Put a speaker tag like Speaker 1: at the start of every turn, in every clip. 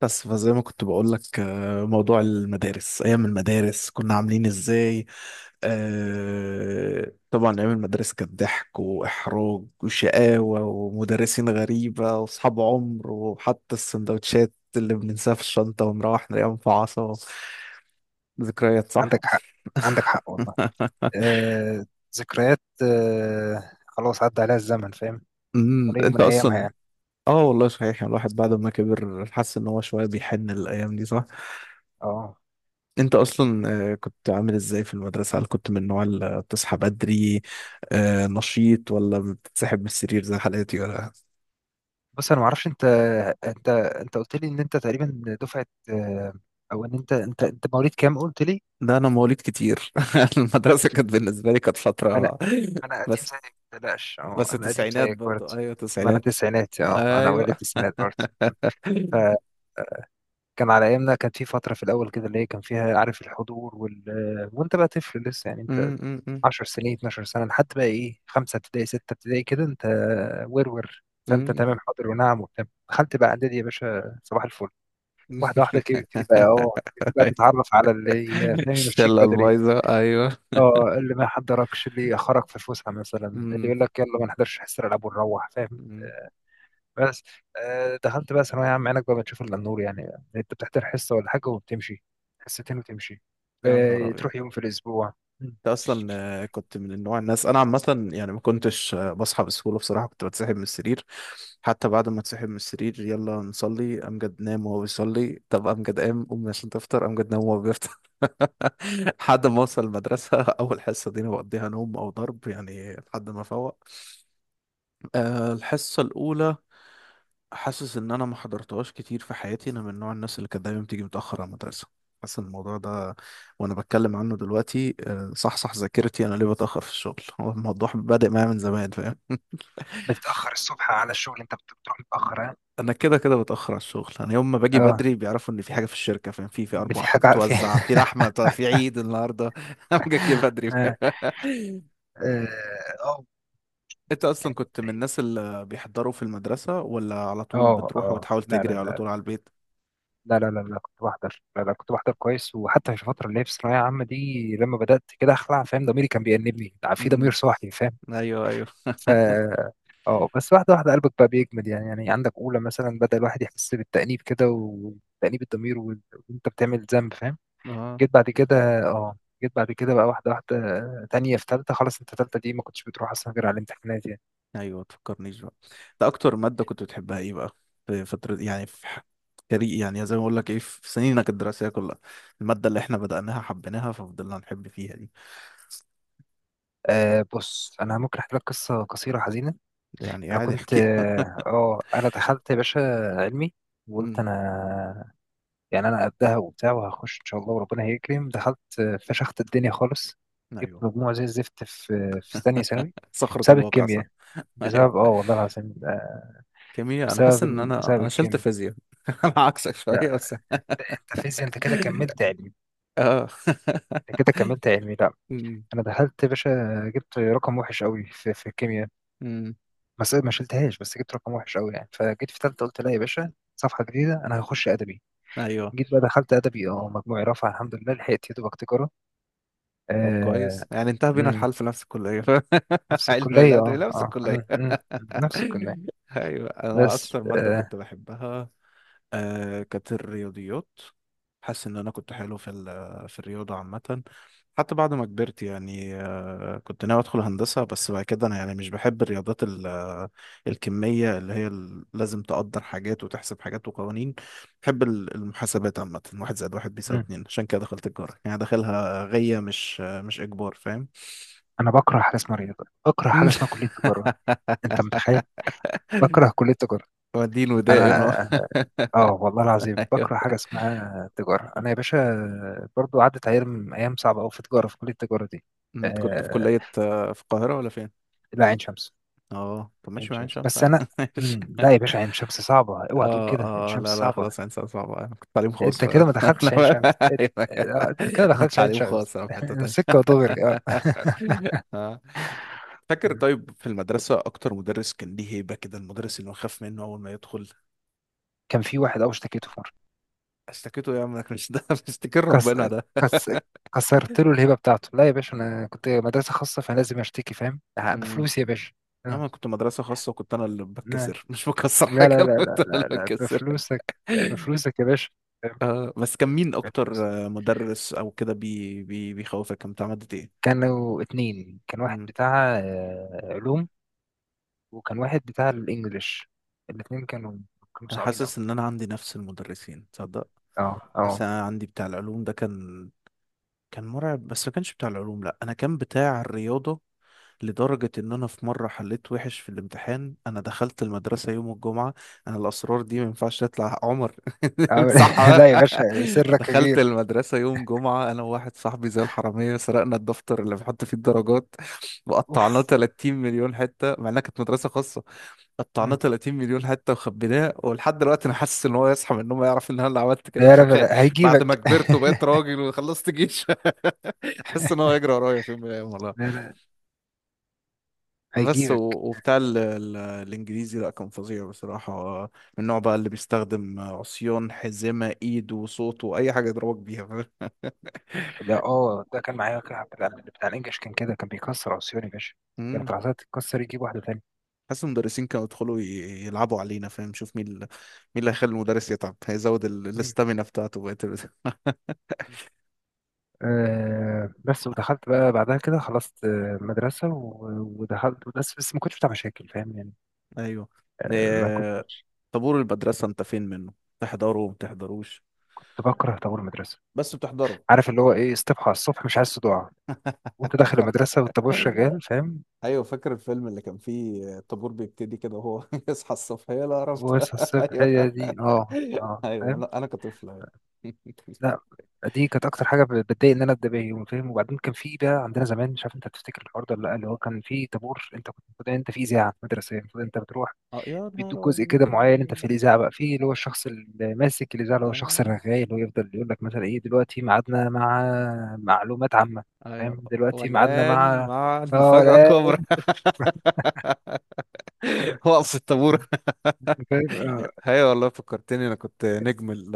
Speaker 1: بس فزي، ما كنت بقول لك، موضوع المدارس، ايام المدارس كنا عاملين ازاي؟ طبعا ايام المدارس كانت ضحك واحراج وشقاوه ومدرسين غريبه واصحاب عمر، وحتى السندوتشات اللي بننساها في الشنطه ونروح نلاقيها مفعصه. ذكريات، صح.
Speaker 2: عندك حق، عندك حق والله. آه ذكريات، خلاص عدى عليها الزمن، فاهم. ولا يوم
Speaker 1: انت
Speaker 2: من ايامها
Speaker 1: اصلا.
Speaker 2: يعني.
Speaker 1: اه، والله صحيح، يعني الواحد بعد ما كبر حس ان هو شويه بيحن الايام دي.
Speaker 2: اه
Speaker 1: انت اصلا. كنت عامل ازاي في المدرسة؟ هل كنت من النوع اللي بتصحى بدري، نشيط، ولا بتتسحب من السرير زي حالاتي، ولا؟
Speaker 2: بص، انا ما اعرفش انت. انت قلت لي ان انت تقريبا دفعه، او ان انت مواليد كام قلت لي.
Speaker 1: ده انا مواليد كتير. المدرسة كانت بالنسبة لي كانت
Speaker 2: انا
Speaker 1: فترة.
Speaker 2: انا قديم
Speaker 1: بس
Speaker 2: زيك ما تقلقش،
Speaker 1: بس
Speaker 2: انا قديم
Speaker 1: التسعينات
Speaker 2: زيك
Speaker 1: برضو،
Speaker 2: برضه.
Speaker 1: ايوه،
Speaker 2: ما انا
Speaker 1: تسعينات.
Speaker 2: تسعيناتي، انا
Speaker 1: ايوه.
Speaker 2: اوائل التسعينات برضه. فكان
Speaker 1: م-
Speaker 2: على ايامنا كان في فتره في الاول كده اللي هي كان فيها، عارف، الحضور وانت بقى طفل لسه يعني. انت
Speaker 1: م- م-
Speaker 2: 10 سنين، 12 سنة، حتى بقى ايه، خمسة ابتدائي، ستة ابتدائي كده انت ورور. فانت
Speaker 1: م.
Speaker 2: تمام، حاضر ونعم وبتاع. دخلت بقى اعدادي يا باشا صباح الفل. واحدة واحدة كده بتبتدي بقى تتعرف على اللي، فاهم، يمشيك
Speaker 1: الشلة
Speaker 2: بدري.
Speaker 1: البايظة، ايوه.
Speaker 2: اه اللي ما يحضركش، اللي يأخرك في الفسحة مثلا، اللي
Speaker 1: م-
Speaker 2: يقول لك يلا ما نحضرش حصة الألعاب ونروح، فاهم.
Speaker 1: م.
Speaker 2: بس دخلت بقى ثانوية عامة، عينك بقى بتشوف إلا النور يعني. انت بتحضر حصة ولا حاجة وبتمشي، حصتين وتمشي.
Speaker 1: يا نهار
Speaker 2: آه،
Speaker 1: ابيض.
Speaker 2: تروح يوم في الأسبوع.
Speaker 1: انت اصلا. كنت من النوع، الناس انا عامه يعني ما كنتش بصحى بسهوله، بصراحه كنت بتسحب من السرير. حتى بعد ما اتسحب من السرير، يلا نصلي امجد، نام وهو بيصلي. طب امجد قام، قوم عشان تفطر، امجد نام وهو بيفطر. لحد ما اوصل المدرسه. اول حصه دي انا بقضيها نوم او ضرب، يعني لحد ما افوق. الحصه الاولى، حاسس ان انا ما حضرتهاش كتير في حياتي. انا من نوع الناس اللي كانت دايما بتيجي متاخر على المدرسه. حاسس ان الموضوع ده، وانا بتكلم عنه دلوقتي صحصح ذاكرتي، انا ليه بتاخر في الشغل. هو الموضوع بادئ معايا من زمان، فاهم.
Speaker 2: بتتأخر الصبح على الشغل؟ انت بتروح متأخر.
Speaker 1: انا كده كده بتاخر على الشغل. انا يوم ما باجي
Speaker 2: آه،
Speaker 1: بدري بيعرفوا ان في حاجه في الشركه، فاهم؟ في
Speaker 2: إن في
Speaker 1: ارباح
Speaker 2: حاجة في
Speaker 1: هتتوزع، في لحمه في عيد النهارده. انا جاي بدري.
Speaker 2: آه، آه،
Speaker 1: انت اصلا كنت من الناس اللي بيحضروا في المدرسه، ولا على طول
Speaker 2: اه
Speaker 1: بتروح
Speaker 2: اه،
Speaker 1: وبتحاول
Speaker 2: لا لا
Speaker 1: تجري على
Speaker 2: لا
Speaker 1: طول على البيت؟
Speaker 2: لا لا لا لا، كنت بحضر، لا لا كنت بحضر كويس. وحتى في الفترة اللي هي في الثانوية العامة دي لما بدأت كده أخلع، فاهم، ضميري كان بيأنبني، في ضمير
Speaker 1: امم.
Speaker 2: صاحي، فاهم.
Speaker 1: ايوه ايوه،
Speaker 2: ف اه بس واحدة واحدة قلبك بقى بيجمد يعني. يعني عندك أولى مثلا بدأ الواحد يحس بالتأنيب كده وتأنيب الضمير وأنت بتعمل ذنب، فاهم.
Speaker 1: اه،
Speaker 2: جيت بعد كده، بقى واحدة واحدة، تانية في تالتة. خلاص أنت تالتة دي ما كنتش بتروح أصلا غير على الامتحانات يعني.
Speaker 1: ايوه، تفكرنيش بقى. ده اكتر ماده كنت بتحبها ايه بقى؟ في فتره، يعني، في كاري، يعني زي ما اقول لك ايه في سنينك الدراسيه كلها. الماده اللي احنا بدأناها حبيناها، ففضلنا نحب فيها دي.
Speaker 2: آه بص انا ممكن احكي لك قصه قصيره حزينه.
Speaker 1: ده يعني
Speaker 2: انا
Speaker 1: قاعد
Speaker 2: كنت،
Speaker 1: احكي.
Speaker 2: انا دخلت يا باشا علمي. وقلت
Speaker 1: امم.
Speaker 2: انا، يعني، انا قدها وبتاع وهخش ان شاء الله وربنا هيكرم، دخلت، فشخت الدنيا خالص. جبت
Speaker 1: ايوه.
Speaker 2: مجموع زي الزفت في ثانيه ثانوي،
Speaker 1: صخرة
Speaker 2: بسبب
Speaker 1: الواقع، صح.
Speaker 2: الكيمياء.
Speaker 1: ايوه.
Speaker 2: بسبب، والله العظيم،
Speaker 1: كيمياء، انا حاسس ان انا
Speaker 2: بسبب
Speaker 1: انا شلت
Speaker 2: الكيمياء.
Speaker 1: فيزياء. انا عكسك
Speaker 2: لا
Speaker 1: شويه بس.
Speaker 2: انت فيزياء، انت كده كملت علمي.
Speaker 1: اه.
Speaker 2: انت كده كملت علمي، لا.
Speaker 1: أمم،
Speaker 2: انا دخلت يا باشا، جبت رقم وحش قوي في الكيمياء.
Speaker 1: أمم.
Speaker 2: ما شلتهاش، بس جبت رقم وحش قوي يعني، فجيت في ثالثه قلت لا يا باشا، صفحه جديده، انا هخش ادبي.
Speaker 1: ايوه،
Speaker 2: جيت بقى دخلت ادبي، اه، مجموعي رفع الحمد لله، لحقت يا دوبك تجاره.
Speaker 1: طب
Speaker 2: آه.
Speaker 1: كويس، يعني انتهى بينا
Speaker 2: مم.
Speaker 1: الحال في نفس الكلية.
Speaker 2: نفس
Speaker 1: علم
Speaker 2: الكليه،
Speaker 1: الأدبي
Speaker 2: اه
Speaker 1: نفس
Speaker 2: اه،
Speaker 1: الكلية.
Speaker 2: مم. مم. نفس الكليه.
Speaker 1: أيوة، أنا
Speaker 2: بس
Speaker 1: أكتر مادة
Speaker 2: آه.
Speaker 1: كنت بحبها كانت الرياضيات. حاسس ان انا كنت حلو في في الرياضه عامه. حتى بعد ما كبرت يعني كنت ناوي ادخل هندسه، بس بعد كده انا يعني مش بحب الرياضات، الكميه، اللي هي لازم تقدر حاجات وتحسب حاجات وقوانين. بحب المحاسبات عامه، واحد زائد واحد بيساوي
Speaker 2: مم.
Speaker 1: اتنين، عشان كده دخلت تجاره، يعني داخلها غيه، مش مش اجبار، فاهم.
Speaker 2: انا بكره حاجه اسمها رياضه، بكره حاجه اسمها كليه تجاره. انت متخيل؟ بكره كليه تجاره.
Speaker 1: ودين
Speaker 2: انا،
Speaker 1: ودائن.
Speaker 2: اه والله العظيم بكره حاجه اسمها تجاره. انا يا باشا برضو عدت ايام، ايام صعبه قوي في تجاره، في كليه التجاره دي.
Speaker 1: انت كنت في
Speaker 2: آه،
Speaker 1: كليه في القاهره ولا فين؟
Speaker 2: لا عين شمس.
Speaker 1: اه، طب
Speaker 2: عين
Speaker 1: ماشي، مع عين
Speaker 2: شمس،
Speaker 1: شمس
Speaker 2: بس
Speaker 1: عادي.
Speaker 2: انا،
Speaker 1: ماشي.
Speaker 2: مم. لا يا باشا، عين شمس صعبه، اوعى تقول كده، عين
Speaker 1: اه اه،
Speaker 2: شمس
Speaker 1: لا لا،
Speaker 2: صعبه.
Speaker 1: خلاص عين شمس صعبة، انا كنت تعليم خاص
Speaker 2: انت كده ما دخلتش عين شمس، انت،
Speaker 1: انا.
Speaker 2: أنت كده ما
Speaker 1: انا
Speaker 2: دخلتش عين
Speaker 1: تعليم
Speaker 2: شمس.
Speaker 1: خاص، انا في حتة تانية.
Speaker 2: سكه ودغري اه.
Speaker 1: آه. فاكر؟
Speaker 2: مم.
Speaker 1: طيب في المدرسة، أكتر مدرس كان ليه هيبة كده، المدرس اللي نخاف منه أول ما يدخل؟
Speaker 2: كان في واحد قوي اشتكيته في مره.
Speaker 1: اشتكيته إيه يا عم؟ إنك مش، ده مش اشتكي
Speaker 2: كس...
Speaker 1: ربنا ده.
Speaker 2: كس... كسرت له الهبه بتاعته. لا يا باشا انا كنت مدرسه خاصه، فلازم اشتكي، فاهم، آه،
Speaker 1: امم.
Speaker 2: بفلوس يا باشا.
Speaker 1: يا عم،
Speaker 2: آه.
Speaker 1: أنا كنت مدرسة خاصة، وكنت أنا اللي
Speaker 2: لا
Speaker 1: بتكسر. مش بكسر
Speaker 2: لا
Speaker 1: حاجة،
Speaker 2: لا
Speaker 1: أنا كنت
Speaker 2: لا.
Speaker 1: أنا اللي
Speaker 2: لا، لا.
Speaker 1: بتكسر.
Speaker 2: بفلوسك، بفلوسك يا باشا،
Speaker 1: بس كان مين أكتر
Speaker 2: بفلوس.
Speaker 1: مدرس أو كده بي بي بيخوفك، كان بتاع مادة؟
Speaker 2: كانوا اتنين، كان واحد
Speaker 1: إيه؟
Speaker 2: بتاع، علوم، وكان واحد بتاع الانجليش. الاتنين كانوا
Speaker 1: انا
Speaker 2: صعبين أوي.
Speaker 1: حاسس ان انا عندي نفس المدرسين، تصدق.
Speaker 2: اه
Speaker 1: بس
Speaker 2: اه،
Speaker 1: انا عندي بتاع العلوم ده كان مرعب، بس ما كانش بتاع العلوم، لا، انا كان بتاع الرياضه. لدرجه ان انا في مره حليت وحش في الامتحان، انا دخلت المدرسه يوم الجمعه. انا الاسرار دي ما ينفعش تطلع، عمر. امسحها.
Speaker 2: لا يا باشا سرك
Speaker 1: دخلت
Speaker 2: كبير.
Speaker 1: المدرسه يوم جمعه، انا وواحد صاحبي، زي الحراميه، سرقنا الدفتر اللي بنحط فيه الدرجات، وقطعناه
Speaker 2: اوف.
Speaker 1: 30 مليون حته، مع انها كانت مدرسه خاصه. قطعناه
Speaker 2: مم.
Speaker 1: 30 مليون حته وخبيناه. ولحد دلوقتي انا حاسس ان هو يصحى من النوم يعرف ان انا اللي عملت كده،
Speaker 2: يا رب
Speaker 1: فخايف
Speaker 2: لا
Speaker 1: بعد ما
Speaker 2: هيجيبك.
Speaker 1: كبرت وبقيت راجل وخلصت جيش. حاسس ان هو هيجري ورايا في يوم من الايام، والله.
Speaker 2: لا لا،
Speaker 1: بس.
Speaker 2: هيجيبك.
Speaker 1: وبتاع ال الانجليزي، لا، كان فظيع بصراحه، من النوع بقى اللي بيستخدم عصيان، حزمه ايد، وصوت، واي حاجه يضربك بيها، فاهم.
Speaker 2: ده، ده كان معايا واحد بتاع الانجليش كان كده، كان بيكسر عصيان يا باشا. كانت
Speaker 1: مم.
Speaker 2: العصاية تتكسر، يجيب واحدة تانية.
Speaker 1: حاسس المدرسين كانوا يدخلوا يلعبوا علينا، فاهم، شوف مين، مين اللي هيخلي المدرس يتعب، هيزود
Speaker 2: مم.
Speaker 1: الاستامينا بتاعته بقى.
Speaker 2: آه بس ودخلت بقى بعدها كده، خلصت، آه، مدرسة، ودخلت، بس ما كنتش بتاع مشاكل، فاهم يعني.
Speaker 1: ايوه.
Speaker 2: آه، ما
Speaker 1: إيه.
Speaker 2: كنتش.
Speaker 1: طابور المدرسة، انت فين منه؟ تحضره ما تحضروش؟
Speaker 2: كنت بكره طابور المدرسة.
Speaker 1: بس بتحضره.
Speaker 2: عارف اللي هو ايه؟ استبحى على الصبح، مش عايز صداع وانت داخل المدرسة والطابور شغال، فاهم.
Speaker 1: ايوه، فاكر الفيلم اللي كان فيه الطابور بيبتدي كده وهو يصحى الصبح، يا لا عرفت.
Speaker 2: واصحى الصبح
Speaker 1: ايوه،
Speaker 2: هي دي، اه اه،
Speaker 1: ايوه،
Speaker 2: فاهم.
Speaker 1: انا كطفل، أيوة.
Speaker 2: لا دي كانت اكتر حاجة بتضايق ان انا ابدا بيها يوم، فاهم. وبعدين كان في بقى عندنا زمان، مش عارف انت تفتكر الحوار ده ولا لا، اللي هو كان في طابور، انت كنت المفروض انت في اذاعة مدرسية، المفروض انت بتروح،
Speaker 1: اه، يا نهار
Speaker 2: بيدوك جزء كده معين انت في
Speaker 1: ابيض.
Speaker 2: الاذاعة بقى، في اللي هو الشخص اللي ماسك الاذاعة، اللي هو الشخص
Speaker 1: اه،
Speaker 2: الرغاي اللي هو يفضل يقول لك مثلا ايه دلوقتي ميعادنا مع معلومات عامة، فاهم،
Speaker 1: ايوه،
Speaker 2: دلوقتي ميعادنا
Speaker 1: والان
Speaker 2: مع،
Speaker 1: مع
Speaker 2: اه
Speaker 1: المفاجأة
Speaker 2: لا،
Speaker 1: الكبرى. وقف الطابور.
Speaker 2: فاهم اه.
Speaker 1: ايوه، والله فكرتني، انا كنت نجم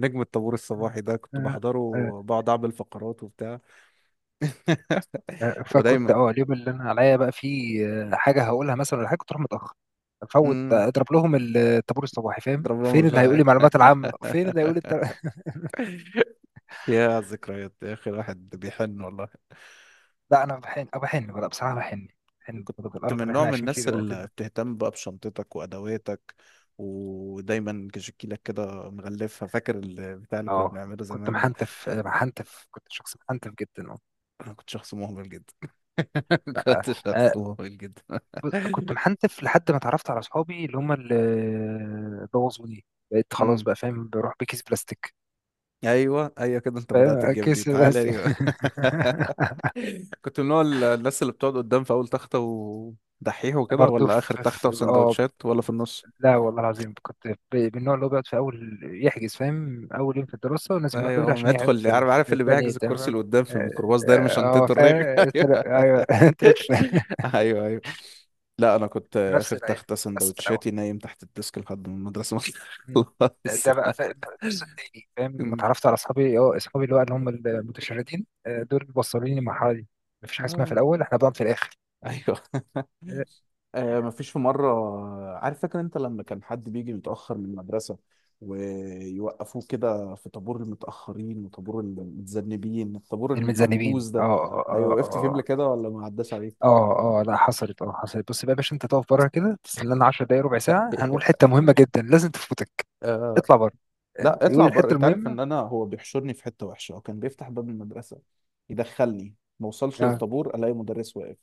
Speaker 1: نجم الطابور الصباحي ده، كنت
Speaker 2: آه.
Speaker 1: بحضره
Speaker 2: آه،
Speaker 1: وبقعد اعمل فقرات وبتاع.
Speaker 2: آه، فكنت،
Speaker 1: ودايما.
Speaker 2: اليوم اللي انا عليا بقى فيه، آه، حاجه هقولها مثلا، ولا حاجه كنت اروح متاخر، افوت،
Speaker 1: امم.
Speaker 2: آه، اضرب لهم الطابور الصباحي، فاهم،
Speaker 1: ضرب لهم
Speaker 2: فين اللي هيقول لي المعلومات العامه، فين اللي هيقول لي
Speaker 1: يا ذكريات يا اخي، الواحد بيحن، والله.
Speaker 2: لا، انا بحن أو بحن بقى، بصراحه بحن. بحن
Speaker 1: كنت
Speaker 2: برضه بالقرف
Speaker 1: من
Speaker 2: اللي
Speaker 1: نوع
Speaker 2: احنا
Speaker 1: من
Speaker 2: عايشين فيه
Speaker 1: الناس
Speaker 2: دلوقتي
Speaker 1: اللي
Speaker 2: ده.
Speaker 1: بتهتم بقى بشنطتك وادواتك، ودايما كشكيلك كده مغلفها، فاكر البتاع اللي كنا
Speaker 2: اه
Speaker 1: بنعمله
Speaker 2: كنت
Speaker 1: زمان ده.
Speaker 2: محنتف، محنتف، كنت شخص محنتف جدا، اه.
Speaker 1: انا كنت شخص مهمل جدا.
Speaker 2: لا،
Speaker 1: كنت
Speaker 2: آه،
Speaker 1: شخص مهمل جدا.
Speaker 2: بص، كنت محنتف لحد ما اتعرفت على اصحابي اللي هم اللي بوظوني. بقيت خلاص
Speaker 1: امم.
Speaker 2: بقى، فاهم، بروح بكيس بلاستيك.
Speaker 1: ايوه، ايوه كده، انت بدأت
Speaker 2: فاهم؟
Speaker 1: الجيم دي،
Speaker 2: كيس
Speaker 1: تعالى
Speaker 2: بلاستيك.
Speaker 1: لي بقى. كنت من نوع الناس اللي بتقعد قدام في اول تخته ودحيح وكده،
Speaker 2: برضه
Speaker 1: ولا اخر
Speaker 2: في
Speaker 1: تخته
Speaker 2: في- اه
Speaker 1: وسندوتشات، ولا في النص؟
Speaker 2: لا والله العظيم كنت، من النوع اللي هو بيقعد في اول يحجز، فاهم، اول يوم في الدراسه لازم يروح
Speaker 1: ايوه،
Speaker 2: بدري
Speaker 1: هو ما
Speaker 2: عشان يقعد
Speaker 1: يدخل،
Speaker 2: في
Speaker 1: عارف، عارف
Speaker 2: في
Speaker 1: اللي
Speaker 2: الثاني،
Speaker 1: بيحجز
Speaker 2: تمام.
Speaker 1: الكرسي اللي قدام في
Speaker 2: اه
Speaker 1: الميكروباص ده، يرمي
Speaker 2: اه، آه،
Speaker 1: شنطته، الرغي. ايوه،
Speaker 2: ايوه، قلت لك شوية.
Speaker 1: ايوه، ايوه، لا، انا كنت
Speaker 2: في نفس
Speaker 1: اخر
Speaker 2: العين،
Speaker 1: تخته،
Speaker 2: بس في الاول،
Speaker 1: سندوتشاتي نايم تحت الديسك لحد ما المدرسه ما
Speaker 2: مم.
Speaker 1: تخلص.
Speaker 2: ده بقى في النص التاني، فاهم، ما اتعرفت على اصحابي، اه اصحابي اللي هو اللي هم المتشردين، آه، دول اللي وصلوني للمرحله دي. مفيش حاجه اسمها في
Speaker 1: آه،
Speaker 2: الاول احنا بنقعد في الاخر.
Speaker 1: ايوه.
Speaker 2: آه،
Speaker 1: مفيش. في مرة، عارف، فاكر انت لما كان حد بيجي متأخر من المدرسة، ويوقفوه كده في طابور المتأخرين وطابور المتذنبين، الطابور
Speaker 2: المتذنبين،
Speaker 1: المنبوذ
Speaker 2: اه
Speaker 1: ده،
Speaker 2: اه
Speaker 1: ايوه،
Speaker 2: اه، آه،
Speaker 1: وقفت فيه قبل
Speaker 2: آه.
Speaker 1: كده ولا ما عداش عليك؟
Speaker 2: اه اه لا، حصلت، بس بقى يا باشا انت تقف بره كده، تستنى لنا 10 دقايق، ربع ساعه، هنقول حته مهمه جدا لازم تفوتك،
Speaker 1: آه
Speaker 2: اطلع بره، فاهم؟
Speaker 1: لا،
Speaker 2: يقول
Speaker 1: اطلع بره،
Speaker 2: الحته
Speaker 1: انت عارف
Speaker 2: المهمه.
Speaker 1: ان انا، هو بيحشرني في حتة وحشة. هو كان بيفتح باب المدرسة يدخلني، ما اوصلش
Speaker 2: اه
Speaker 1: للطابور الاقي مدرس واقف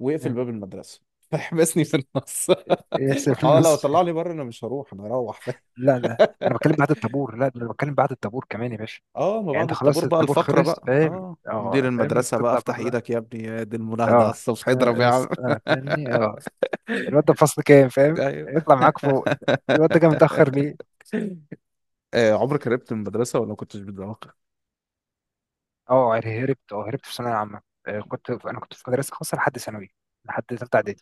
Speaker 1: ويقفل
Speaker 2: اه.
Speaker 1: باب المدرسة، فيحبسني
Speaker 2: م.
Speaker 1: في النص.
Speaker 2: يحسب في
Speaker 1: اه لو
Speaker 2: النص.
Speaker 1: طلعني بره انا مش هروح، انا هروح، فاهم.
Speaker 2: لا لا انا بتكلم بعد الطابور، لا ده انا بتكلم بعد الطابور كمان يا باشا.
Speaker 1: اه ما
Speaker 2: يعني
Speaker 1: بعد
Speaker 2: انت خلاص
Speaker 1: الطابور بقى
Speaker 2: الطابور
Speaker 1: الفقرة
Speaker 2: خلص،
Speaker 1: بقى،
Speaker 2: فاهم
Speaker 1: مدير
Speaker 2: اه، فاهم، انت
Speaker 1: المدرسة بقى،
Speaker 2: تطلع
Speaker 1: افتح
Speaker 2: بره.
Speaker 1: ايدك يا ابني، يا دي المناهضة على
Speaker 2: اه
Speaker 1: الصبح، اضرب يا
Speaker 2: اه،
Speaker 1: عم.
Speaker 2: اه فاهمني اه، الواد ده في فصل كام، فاهم،
Speaker 1: ايوه.
Speaker 2: يطلع معاك فوق. الواد ده جه متاخر ليه؟
Speaker 1: عمرك هربت من المدرسة ولا ما كنتش بتذاكر؟
Speaker 2: اه هربت، في ثانويه عامه، آه، كنت، انا كنت في مدرسه خاصه لحد ثانوي، لحد ثالثه اعدادي.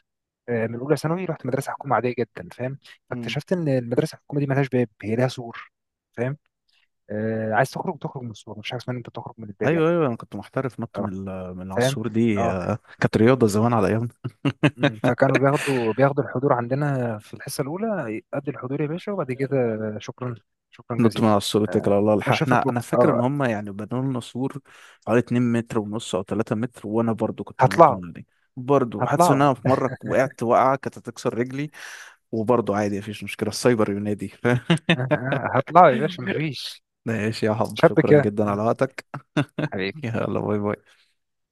Speaker 2: آه، من اولى ثانوي رحت مدرسه حكومه عاديه جدا، فاهم.
Speaker 1: مم.
Speaker 2: فاكتشفت ان المدرسه الحكومه دي ملهاش باب، هي لها سور. فاهم، آه، عايز تخرج تخرج من السور، مش حاجه اسمها ان انت تخرج من الباب يعني.
Speaker 1: ايوه، ايوه، انا كنت محترف نط من
Speaker 2: اه،
Speaker 1: من على
Speaker 2: فاهم
Speaker 1: السور دي،
Speaker 2: اه.
Speaker 1: كانت رياضة زمان على ايامنا.
Speaker 2: أمم، فكانوا بياخدوا الحضور عندنا في الحصه الاولى، قد الحضور يا باشا، وبعد كده. شكرا. شكرا
Speaker 1: نط من
Speaker 2: جزيلا.
Speaker 1: على السور اتكل
Speaker 2: آه،
Speaker 1: على الله، الحق
Speaker 2: اشوفك
Speaker 1: احنا. انا
Speaker 2: بكره
Speaker 1: فاكر ان
Speaker 2: اه.
Speaker 1: هم يعني بنوا لنا سور حوالي 2 متر ونص او 3 متر، وانا برضو كنت بنط
Speaker 2: هطلعوا.
Speaker 1: من دي. برضو حاسس ان
Speaker 2: هطلعوا،
Speaker 1: انا في مرة وقعت وقعة كانت هتكسر رجلي، وبرضه عادي، مفيش مشكلة، السايبر ينادي.
Speaker 2: آه، آه، هطلعوا يا باشا مفيش.
Speaker 1: ماشي يا حب،
Speaker 2: شاب
Speaker 1: شكرا
Speaker 2: كده.
Speaker 1: جدا على وقتك.
Speaker 2: حبيبي.
Speaker 1: يلا، باي باي.